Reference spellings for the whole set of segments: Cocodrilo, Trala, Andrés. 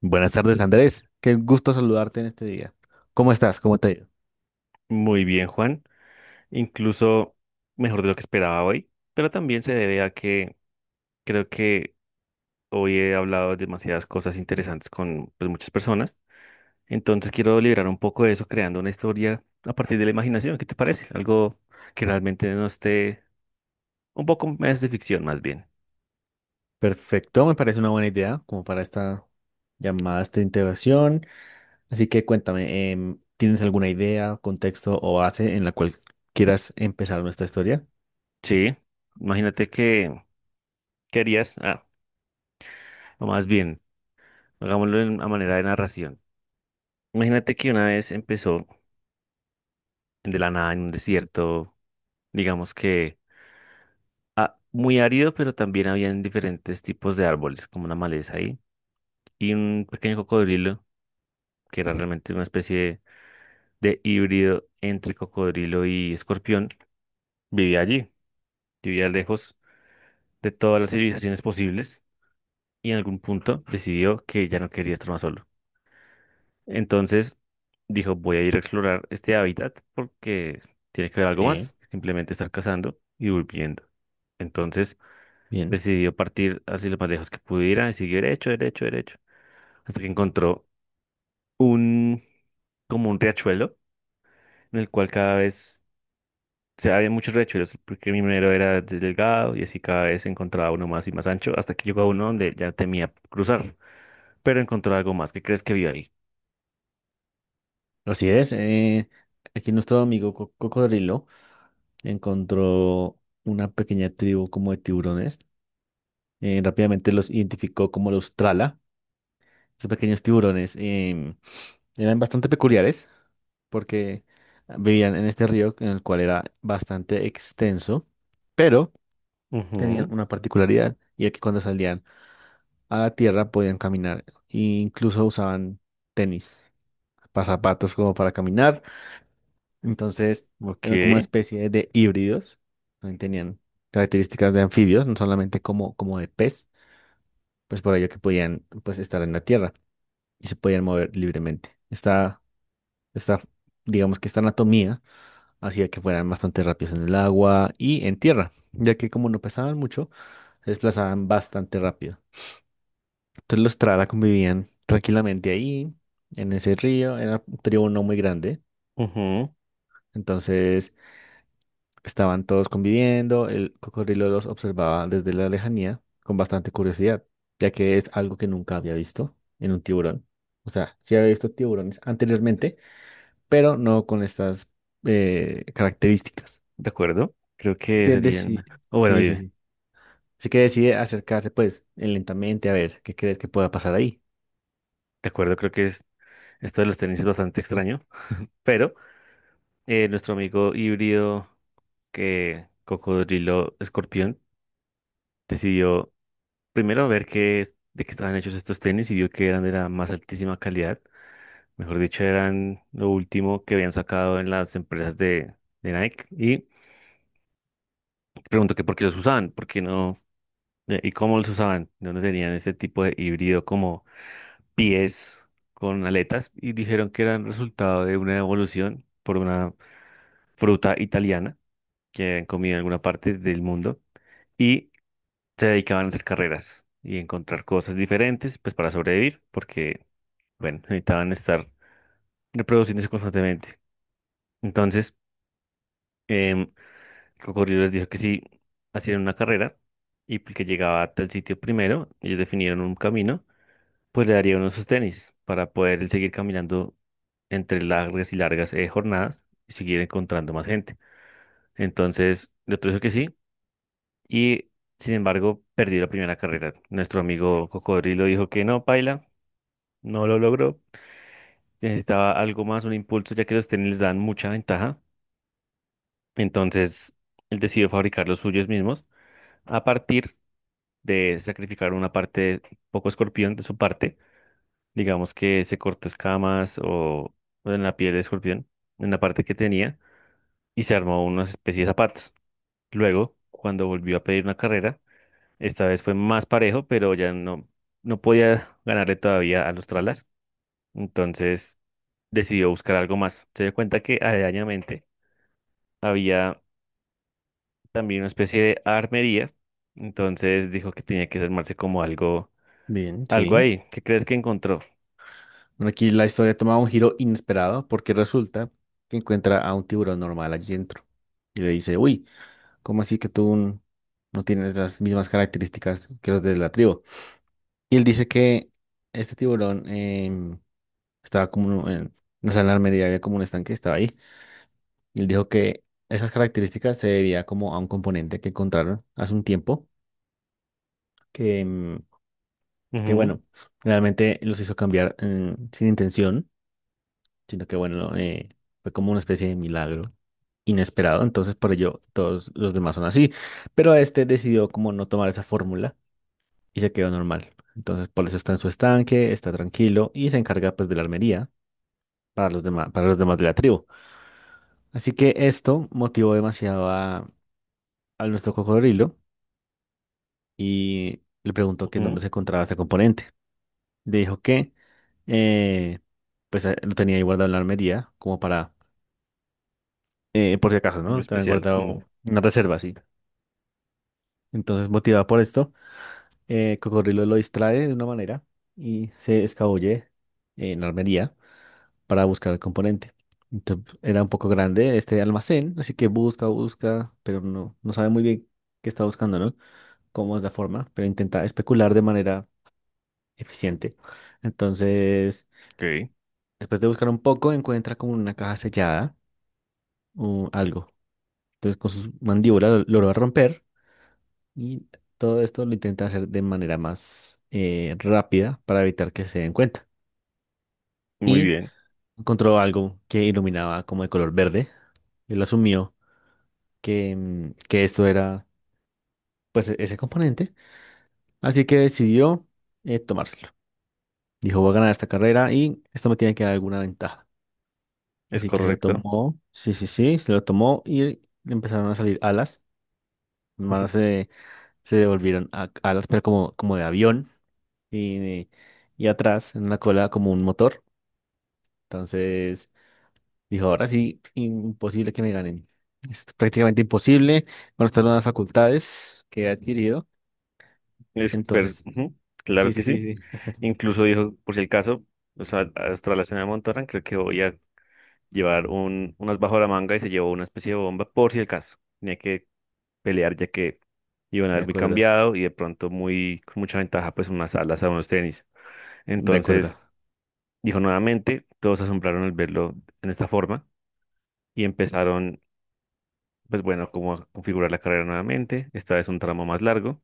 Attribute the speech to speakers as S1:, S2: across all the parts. S1: Buenas tardes, Andrés. Qué gusto saludarte en este día. ¿Cómo estás? ¿Cómo te ha ido?
S2: Muy bien, Juan. Incluso mejor de lo que esperaba hoy, pero también se debe a que creo que hoy he hablado demasiadas cosas interesantes con pues, muchas personas. Entonces quiero liberar un poco de eso creando una historia a partir de la imaginación. ¿Qué te parece? Algo que realmente no esté, un poco más de ficción, más bien.
S1: Perfecto, me parece una buena idea como para esta llamada, esta integración. Así que cuéntame, ¿tienes alguna idea, contexto o base en la cual quieras empezar nuestra historia?
S2: Sí, imagínate que querías, o más bien, a manera de narración. Imagínate que una vez empezó de la nada en un desierto, digamos que muy árido, pero también habían diferentes tipos de árboles, como una maleza ahí, y un pequeño cocodrilo, que era realmente una especie de híbrido entre cocodrilo y escorpión, vivía allí, vivía lejos de todas las civilizaciones posibles, y en algún punto decidió que ya no quería estar más solo. Entonces dijo, voy a ir a explorar este hábitat porque tiene que haber algo
S1: Sí,
S2: más que simplemente estar cazando y volviendo. Entonces
S1: bien.
S2: decidió partir así lo más lejos que pudiera y siguió derecho, derecho, derecho hasta que encontró un, como un riachuelo, en el cual cada vez, o sea, había muchos riachuelos, porque mi primero era delgado y así cada vez encontraba uno más y más ancho, hasta que llegó a uno donde ya temía cruzar, pero encontró algo más. ¿Qué crees que vio ahí?
S1: Así es. Aquí nuestro amigo Cocodrilo encontró una pequeña tribu como de tiburones. Rápidamente los identificó como los Trala. Estos pequeños tiburones em, eran bastante peculiares porque vivían en este río en el cual era bastante extenso, pero tenían
S2: Ujú,
S1: una particularidad y era que cuando salían a la tierra podían caminar e incluso usaban tenis, zapatos como para caminar, entonces eran como una
S2: ok,
S1: especie de híbridos, también tenían características de anfibios, no solamente como, como de pez, pues por ello que podían pues estar en la tierra y se podían mover libremente. Está Esta, digamos que esta anatomía hacía que fueran bastante rápidos en el agua y en tierra, ya que como no pesaban mucho, se desplazaban bastante rápido. Entonces los Trara convivían tranquilamente ahí, en ese río, era un tribu no muy grande,
S2: ujú,
S1: entonces estaban todos conviviendo, el cocodrilo los observaba desde la lejanía con bastante curiosidad, ya que es algo que nunca había visto en un tiburón. O sea, sí había visto tiburones anteriormente, pero no con estas características.
S2: de acuerdo. Creo
S1: Así
S2: que
S1: que deci-
S2: serían, o bueno,
S1: Sí, sí,
S2: dime,
S1: sí. Así que decide acercarse, pues, lentamente a ver qué crees que pueda pasar ahí.
S2: de acuerdo, creo que es, esto de los tenis es bastante extraño, pero nuestro amigo híbrido que Cocodrilo Escorpión decidió primero ver de qué estaban hechos estos tenis, y vio que eran de la más altísima calidad. Mejor dicho, eran lo último que habían sacado en las empresas de Nike. Y preguntó que por qué los usaban, por qué no, y cómo los usaban, no dónde tenían este tipo de híbrido como pies con aletas. Y dijeron que eran resultado de una evolución por una fruta italiana que habían comido en alguna parte del mundo. Y se dedicaban a hacer carreras y encontrar cosas diferentes, pues para sobrevivir, porque bueno, necesitaban estar reproduciéndose constantemente. Entonces, em, el cocodrilo les dijo que si hacían una carrera y el que llegaba a tal sitio primero, ellos definieron un camino, pues le daría uno de sus tenis para poder seguir caminando entre largas y largas jornadas y seguir encontrando más gente. Entonces, el otro dijo que sí y, sin embargo, perdió la primera carrera. Nuestro amigo cocodrilo dijo que no, paila, no lo logró. Necesitaba algo más, un impulso, ya que los tenis les dan mucha ventaja. Entonces, él decidió fabricar los suyos mismos a partir de sacrificar una parte, poco escorpión de su parte, digamos que se cortó escamas o en la piel de escorpión, en la parte que tenía, y se armó una especie de zapatos. Luego, cuando volvió a pedir una carrera, esta vez fue más parejo, pero ya no, no podía ganarle todavía a los tralas, entonces decidió buscar algo más. Se dio cuenta que aledañamente había también una especie de armería. Entonces dijo que tenía que armarse como algo,
S1: Bien,
S2: algo
S1: sí.
S2: ahí. ¿Qué crees que encontró?
S1: Bueno, aquí la historia toma un giro inesperado porque resulta que encuentra a un tiburón normal allí dentro. Y le dice, uy, ¿cómo así que no tienes las mismas características que los de la tribu? Y él dice que este tiburón em, estaba como en, una sé, en armería había como un estanque, estaba ahí. Y él dijo que esas características se debía como a un componente que encontraron hace un tiempo que, que
S2: Ujú,
S1: bueno, realmente los hizo cambiar sin intención, sino que bueno, fue como una especie de milagro inesperado, entonces por ello todos los demás son así, pero este decidió como no tomar esa fórmula y se quedó normal, entonces por eso está en su estanque, está tranquilo y se encarga pues de la armería para los demás de la tribu. Así que esto motivó demasiado a nuestro cocodrilo y le preguntó que
S2: ujú,
S1: dónde se encontraba este componente. Le dijo que eh, pues lo tenía ahí guardado en la armería, como para, por si acaso,
S2: muy
S1: ¿no? También
S2: especial. Mm,
S1: guardado una reserva, sí. Entonces, motivada por esto, Cocodrilo lo distrae de una manera y se escabulle en la armería para buscar el componente. Entonces, era un poco grande este almacén, así que busca, busca, pero no, no sabe muy bien qué está buscando, ¿no? Cómo es la forma, pero intenta especular de manera eficiente. Entonces,
S2: ok,
S1: después de buscar un poco, encuentra como una caja sellada, o algo. Entonces con sus mandíbulas lo romper y todo esto lo intenta hacer de manera más rápida para evitar que se den cuenta.
S2: muy
S1: Y
S2: bien,
S1: encontró algo que iluminaba como de color verde. Él asumió que, que esto era ese componente. Así que decidió tomárselo. Dijo, voy a ganar esta carrera y esto me tiene que dar alguna ventaja.
S2: es
S1: Así que se lo
S2: correcto.
S1: tomó. Sí, sí, sí, se lo tomó y le empezaron a salir alas. Las manos se, se devolvieron alas, pero como, como de avión. Y, y atrás en la cola como un motor. Entonces dijo, ahora sí, imposible que me ganen. Es prácticamente imposible con estas nuevas facultades que he adquirido. Entonces,
S2: Ujú, claro
S1: sí,
S2: que
S1: sí, sí,
S2: sí.
S1: sí.
S2: Incluso dijo, por si el caso, o sea, hasta la cena de Montorán, creo que voy a llevar un, unas bajo la manga, y se llevó una especie de bomba, por si el caso. Tenía que pelear ya que iban a
S1: De
S2: haber muy
S1: acuerdo,
S2: cambiado y de pronto muy, con mucha ventaja, pues unas alas a unos tenis.
S1: de acuerdo.
S2: Entonces, dijo nuevamente, todos se asombraron al verlo en esta forma y empezaron, pues bueno, como a configurar la carrera nuevamente. Esta vez un tramo más largo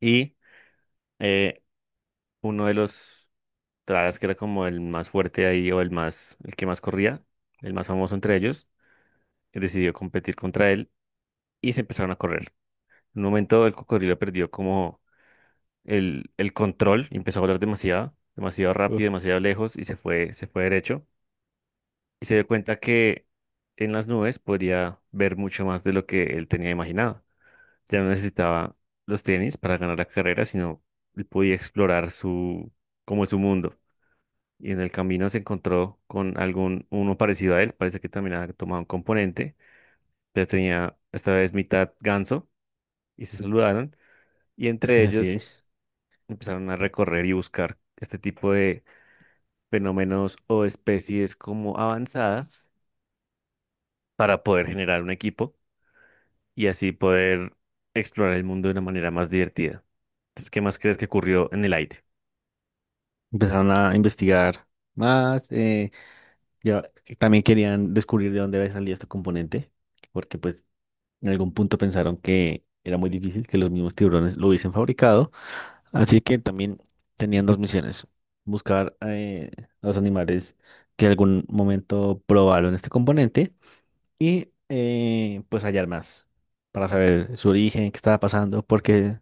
S2: y eh, uno de los tras que era como el más fuerte ahí o el más, el que más corría, el más famoso entre ellos, decidió competir contra él y se empezaron a correr. En un momento el cocodrilo perdió como el control y empezó a volar demasiado, demasiado rápido,
S1: Uf,
S2: demasiado lejos y se fue derecho. Y se dio cuenta que en las nubes podría ver mucho más de lo que él tenía imaginado. Ya no necesitaba los tenis para ganar la carrera, sino él podía explorar su, como es su mundo. Y en el camino se encontró con algún uno parecido a él, parece que también había tomado un componente, pero tenía esta vez mitad ganso, y se saludaron, y entre
S1: así
S2: ellos
S1: es.
S2: empezaron a recorrer y buscar este tipo de fenómenos o especies como avanzadas para poder generar un equipo y así poder explorar el mundo de una manera más divertida. Entonces, ¿qué más crees que ocurrió en el aire?
S1: Empezaron a investigar más. Ya- también querían descubrir de dónde había salido este componente, porque pues en algún punto pensaron que era muy difícil que los mismos tiburones lo hubiesen fabricado, así que también tenían dos misiones, buscar a los animales que en algún momento probaron este componente y pues hallar más para saber su origen, qué estaba pasando, porque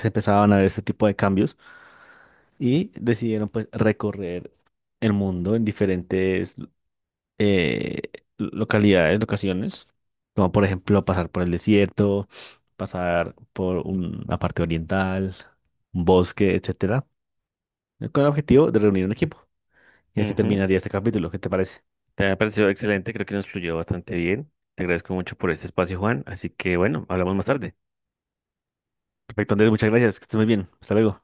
S1: se empezaban a ver este tipo de cambios y decidieron pues recorrer el mundo en diferentes eh, localidades, locaciones, como por ejemplo pasar por el desierto, pasar por una parte oriental, un bosque, etcétera, con el objetivo de reunir un equipo. Y así
S2: Ujú.
S1: terminaría este capítulo. ¿Qué te parece?
S2: Te ha parecido excelente, creo que nos fluyó bastante bien. Te agradezco mucho por este espacio, Juan. Así que bueno, hablamos más tarde.
S1: Perfecto, Andrés, muchas gracias, que estés muy bien. Hasta luego.